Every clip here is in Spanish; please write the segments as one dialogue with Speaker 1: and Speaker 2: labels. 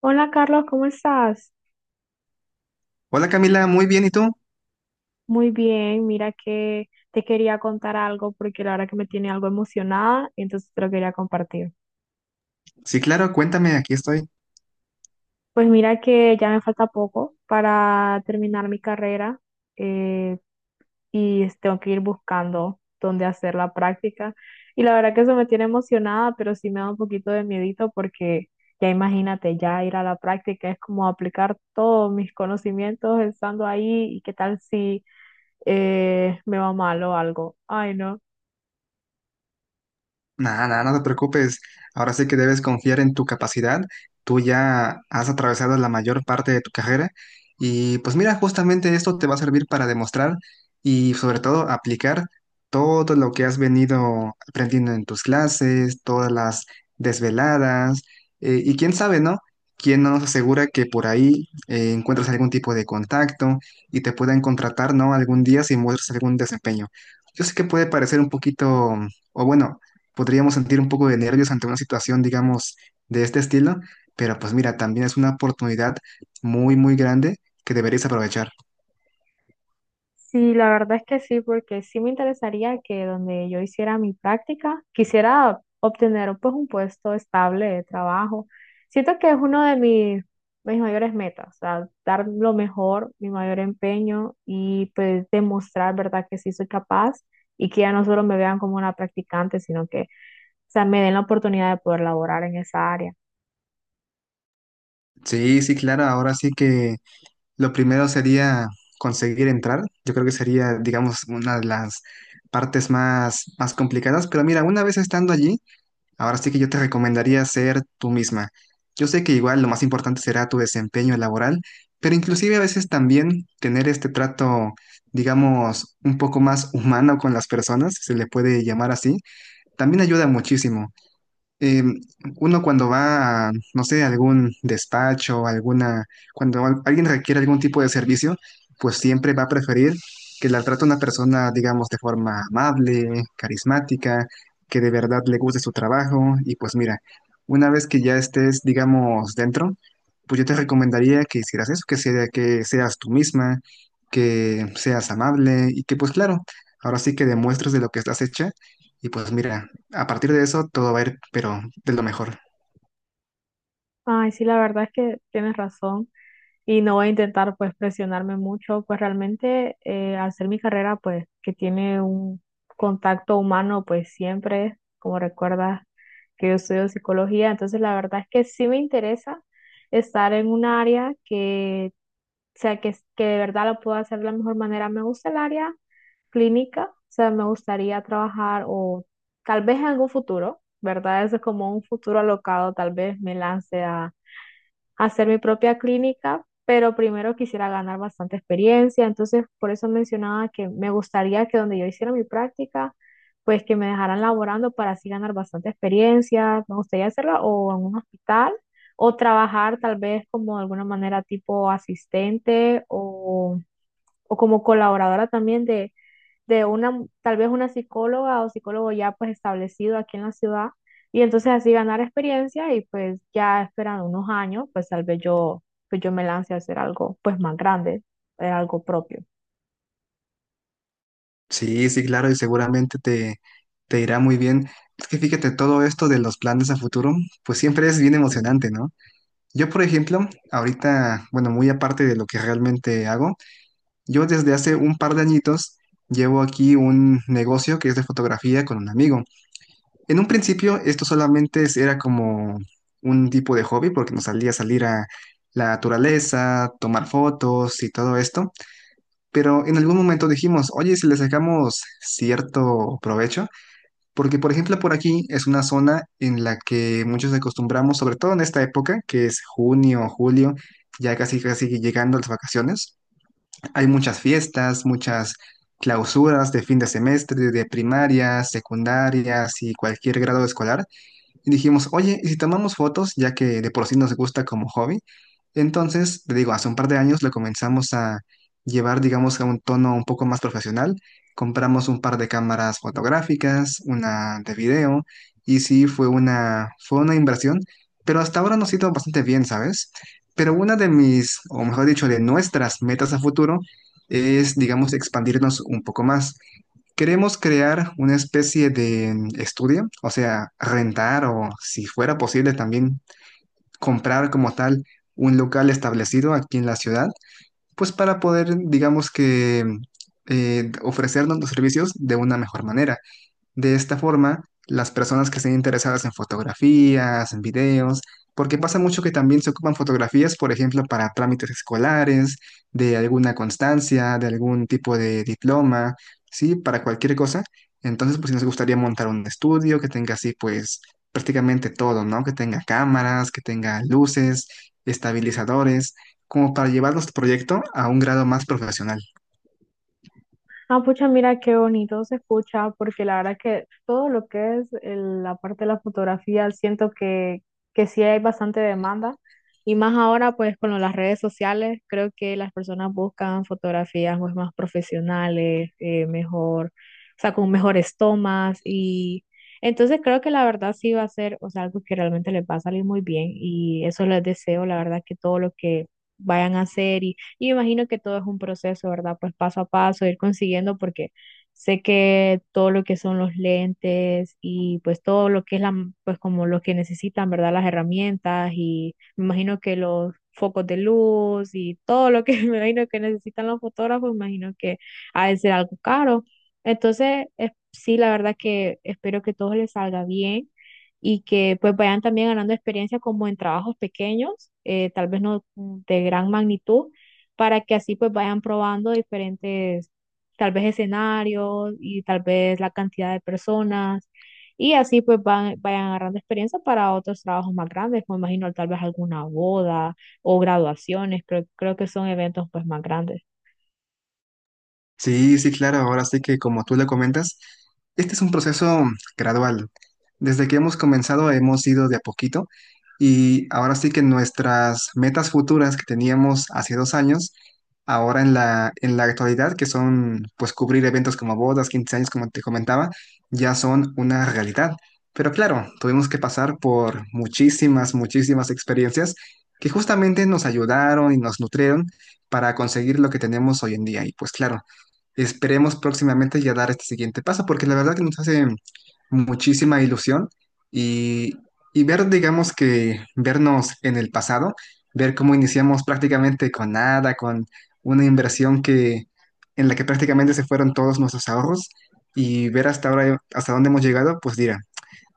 Speaker 1: Hola Carlos, ¿cómo estás?
Speaker 2: Hola Camila, muy bien, ¿y tú?
Speaker 1: Muy bien, mira que te quería contar algo porque la verdad que me tiene algo emocionada, entonces te lo quería compartir.
Speaker 2: Sí, claro, cuéntame, aquí estoy.
Speaker 1: Pues mira que ya me falta poco para terminar mi carrera, eh, y tengo que ir buscando dónde hacer la práctica. Y la verdad que eso me tiene emocionada, pero sí me da un poquito de miedito porque ya imagínate, ya ir a la práctica es como aplicar todos mis conocimientos estando ahí y qué tal si me va mal o algo. Ay, no.
Speaker 2: Nada, nada, no te preocupes. Ahora sí que debes confiar en tu capacidad. Tú ya has atravesado la mayor parte de tu carrera y pues mira, justamente esto te va a servir para demostrar y sobre todo aplicar todo lo que has venido aprendiendo en tus clases, todas las desveladas. ¿Y quién sabe, no? ¿Quién no nos asegura que por ahí encuentras algún tipo de contacto y te puedan contratar? ¿No? Algún día si muestras algún desempeño. Yo sé que puede parecer un poquito... O bueno, podríamos sentir un poco de nervios ante una situación, digamos, de este estilo, pero pues mira, también es una oportunidad muy, muy grande que deberías aprovechar.
Speaker 1: Sí, la verdad es que sí, porque sí me interesaría que donde yo hiciera mi práctica, quisiera obtener pues un puesto estable de trabajo. Siento que es uno de mis mayores metas, o sea, dar lo mejor, mi mayor empeño y pues demostrar, ¿verdad?, que sí soy capaz y que ya no solo me vean como una practicante, sino que, o sea, me den la oportunidad de poder laborar en esa área.
Speaker 2: Sí, sí, claro. Ahora sí que lo primero sería conseguir entrar. Yo creo que sería, digamos, una de las partes más, más complicadas. Pero mira, una vez estando allí, ahora sí que yo te recomendaría ser tú misma. Yo sé que igual lo más importante será tu desempeño laboral, pero inclusive a veces también tener este trato, digamos, un poco más humano con las personas, si se le puede llamar así, también ayuda muchísimo. eh, Uno cuando va a, no sé, algún despacho, alguna, cuando alguien requiere algún tipo de servicio, pues siempre va a preferir que la trate una persona, digamos, de forma amable, carismática, que de verdad le guste su trabajo. Y pues mira, una vez que ya estés, digamos, dentro, pues yo te recomendaría que hicieras eso, que sea, que seas tú misma, que seas amable y que pues claro, ahora sí que demuestres de lo que estás hecha. Y pues mira, a partir de eso todo va a ir, pero de lo mejor.
Speaker 1: Ay, sí, la verdad es que tienes razón. Y no voy a intentar pues presionarme mucho, pues realmente, al ser mi carrera pues que tiene un contacto humano pues siempre, como recuerdas que yo estudio psicología, entonces la verdad es que sí me interesa estar en un área que, o sea, que de verdad lo puedo hacer de la mejor manera. Me gusta el área clínica, o sea, me gustaría trabajar o tal vez en algún futuro, ¿verdad? Eso es como un futuro alocado, tal vez me lance a hacer mi propia clínica, pero primero quisiera ganar bastante experiencia, entonces por eso mencionaba que me gustaría que donde yo hiciera mi práctica, pues que me dejaran laborando para así ganar bastante experiencia, me gustaría hacerlo o en un hospital o trabajar tal vez como de alguna manera tipo asistente o como colaboradora también de una, tal vez una psicóloga o psicólogo ya pues establecido aquí en la ciudad y entonces así ganar experiencia y pues ya esperando unos años, pues pues yo me lance a hacer algo pues más grande, algo propio.
Speaker 2: Sí, sí, claro, y seguramente te irá muy bien. Es que fíjate, todo esto de los planes a futuro, pues siempre es bien emocionante, ¿no? Yo, por ejemplo, ahorita, bueno, muy aparte de lo que realmente hago, yo desde hace un par de añitos llevo aquí un negocio que es de fotografía con un amigo. En un principio esto solamente era como un tipo de hobby porque nos salía a salir a la naturaleza, tomar fotos y todo esto. Pero en algún momento dijimos, oye, si le sacamos cierto provecho, porque por ejemplo por aquí es una zona en la que muchos acostumbramos, sobre todo en esta época, que es junio, julio, ya casi casi llegando las vacaciones, hay muchas fiestas, muchas clausuras de fin de semestre, de primarias, secundarias y cualquier grado escolar. Y dijimos, oye, ¿y si tomamos fotos, ya que de por sí nos gusta como hobby? Entonces, te digo, hace un par de años lo comenzamos a llevar, digamos, a un tono un poco más profesional. Compramos un par de cámaras fotográficas, una de video, y sí, fue una inversión, pero hasta ahora nos ha ido bastante bien, ¿sabes? Pero una de mis, o mejor dicho, de nuestras metas a futuro es, digamos, expandirnos un poco más. Queremos crear una especie de estudio, o sea, rentar o si fuera posible también comprar como tal un local establecido aquí en la ciudad, pues para poder, digamos que, ofrecernos los servicios de una mejor manera. De esta forma, las personas que estén interesadas en fotografías, en videos, porque pasa mucho que también se ocupan fotografías, por ejemplo, para trámites escolares, de alguna constancia, de algún tipo de diploma, ¿sí? Para cualquier cosa. Entonces, pues si nos gustaría montar un estudio que tenga así, pues prácticamente todo, ¿no? Que tenga cámaras, que tenga luces, estabilizadores, como para llevar nuestro proyecto a un grado más profesional.
Speaker 1: Ah, pucha, mira qué bonito se escucha, porque la verdad que todo lo que es la parte de la fotografía, siento que sí hay bastante demanda, y más ahora pues con lo de las redes sociales, creo que las personas buscan fotografías pues más profesionales, mejor, o sea, con mejores tomas, y entonces creo que la verdad sí va a ser, o sea, algo que realmente les va a salir muy bien, y eso les deseo, la verdad, que todo lo que vayan a hacer. Y me imagino que todo es un proceso, ¿verdad? Pues paso a paso, ir consiguiendo, porque sé que todo lo que son los lentes y pues todo lo que es la, pues como lo que necesitan, ¿verdad? Las herramientas y me imagino que los focos de luz y todo lo que me imagino que necesitan los fotógrafos, me imagino que ha de ser algo caro. Entonces, sí, la verdad que espero que todo les salga bien y que pues vayan también ganando experiencia como en trabajos pequeños, tal vez no de gran magnitud, para que así pues vayan probando diferentes, tal vez escenarios y tal vez la cantidad de personas y así pues vayan agarrando experiencia para otros trabajos más grandes, me imagino tal vez alguna boda o graduaciones, creo que son eventos pues más grandes.
Speaker 2: Sí, sí, claro, ahora sí que como tú le comentas, este es un proceso gradual. Desde que hemos comenzado hemos ido de a poquito y ahora sí que nuestras metas futuras que teníamos hace 2 años, ahora en la actualidad, que son pues cubrir eventos como bodas, 15 años, como te comentaba, ya son una realidad. Pero claro, tuvimos que pasar por muchísimas, muchísimas experiencias que justamente nos ayudaron y nos nutrieron para conseguir lo que tenemos hoy en día. Y pues claro. Esperemos próximamente ya dar este siguiente paso, porque la verdad que nos hace muchísima ilusión y, y ver, digamos que vernos en el pasado, ver cómo iniciamos prácticamente con nada, con una inversión que en la que prácticamente se fueron todos nuestros ahorros y ver hasta ahora, hasta dónde hemos llegado, pues dirá,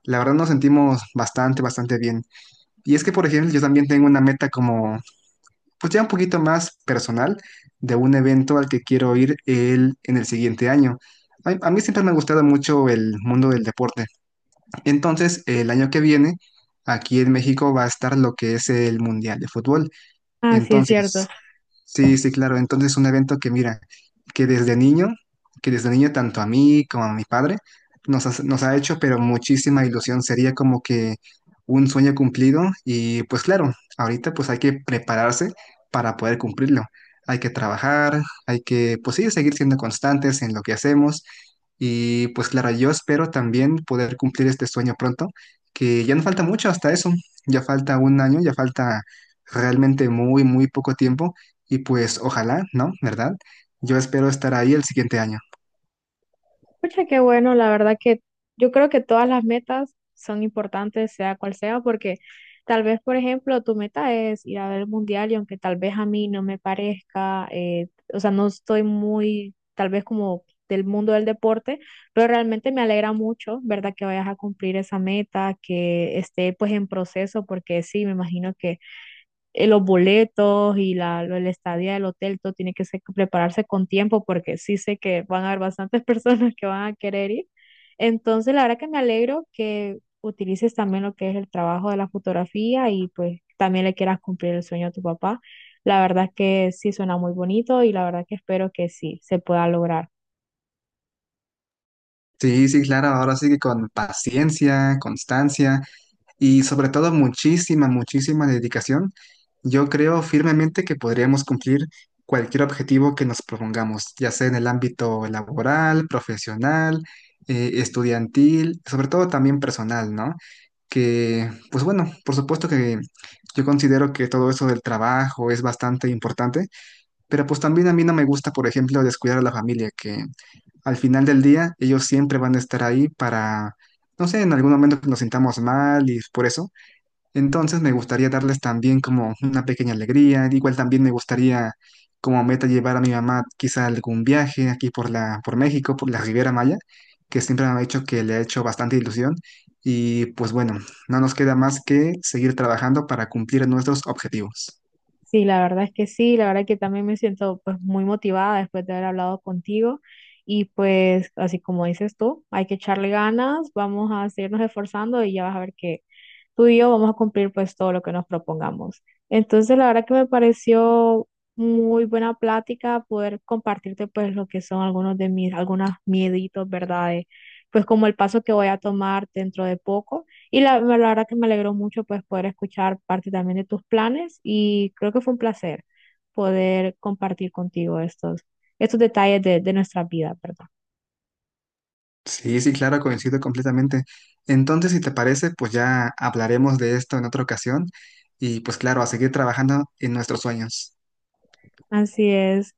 Speaker 2: la verdad nos sentimos bastante, bastante bien. Y es que, por ejemplo, yo también tengo una meta como pues ya un poquito más personal de un evento al que quiero ir en el siguiente año. A mí siempre me ha gustado mucho el mundo del deporte. Entonces, el año que viene, aquí en México va a estar lo que es el Mundial de Fútbol.
Speaker 1: Ah, sí, es cierto.
Speaker 2: Entonces, sí, sí, claro. Entonces, un evento que mira, que desde niño, que desde niño tanto a mí como a mi padre nos ha hecho, pero muchísima ilusión. Sería como que un sueño cumplido y pues claro, ahorita pues hay que prepararse para poder cumplirlo. Hay que trabajar, hay que pues sí, seguir siendo constantes en lo que hacemos y pues claro, yo espero también poder cumplir este sueño pronto, que ya no falta mucho hasta eso. Ya falta un año, ya falta realmente muy, muy poco tiempo. Y pues ojalá, ¿no? ¿Verdad? Yo espero estar ahí el siguiente año.
Speaker 1: Pucha, qué bueno, la verdad que yo creo que todas las metas son importantes, sea cual sea, porque tal vez, por ejemplo, tu meta es ir a ver el mundial y aunque tal vez a mí no me parezca, o sea, no estoy muy, tal vez como del mundo del deporte, pero realmente me alegra mucho, ¿verdad? Que vayas a cumplir esa meta, que esté pues en proceso, porque sí, me imagino, los boletos y la, la estadía del hotel, todo tiene que ser, prepararse con tiempo porque sí sé que van a haber bastantes personas que van a querer ir. Entonces, la verdad que me alegro que utilices también lo que es el trabajo de la fotografía y pues también le quieras cumplir el sueño a tu papá. La verdad que sí suena muy bonito y la verdad que espero que sí se pueda lograr.
Speaker 2: Sí, sí, claro, ahora sí que con paciencia, constancia y sobre todo muchísima, muchísima dedicación, yo creo firmemente que podríamos cumplir cualquier objetivo que nos propongamos, ya sea en el ámbito laboral, profesional, estudiantil, sobre todo también personal, ¿no? Que, pues bueno, por supuesto que yo considero que todo eso del trabajo es bastante importante. Pero pues también a mí no me gusta, por ejemplo, descuidar a la familia, que al final del día ellos siempre van a estar ahí para, no sé, en algún momento que nos sintamos mal y por eso. Entonces me gustaría darles también como una pequeña alegría. Igual también me gustaría como meta llevar a mi mamá quizá a algún viaje aquí por México, por la Riviera Maya, que siempre me ha dicho que le ha hecho bastante ilusión. Y pues bueno, no nos queda más que seguir trabajando para cumplir nuestros objetivos.
Speaker 1: Sí, la verdad es que sí, la verdad que también me siento pues muy motivada después de haber hablado contigo y pues así como dices tú, hay que echarle ganas, vamos a seguirnos esforzando y ya vas a ver que tú y yo vamos a cumplir pues todo lo que nos propongamos. Entonces, la verdad que me pareció muy buena plática poder compartirte pues lo que son algunos mieditos, ¿verdad? De, pues como el paso que voy a tomar dentro de poco. Y la verdad que me alegró mucho pues poder escuchar parte también de tus planes y creo que fue un placer poder compartir contigo estos detalles de nuestra vida, ¿verdad?
Speaker 2: Sí, sí, claro, coincido completamente. Entonces, si te parece, pues ya hablaremos de esto en otra ocasión y pues claro, a seguir trabajando en nuestros sueños.
Speaker 1: Así es.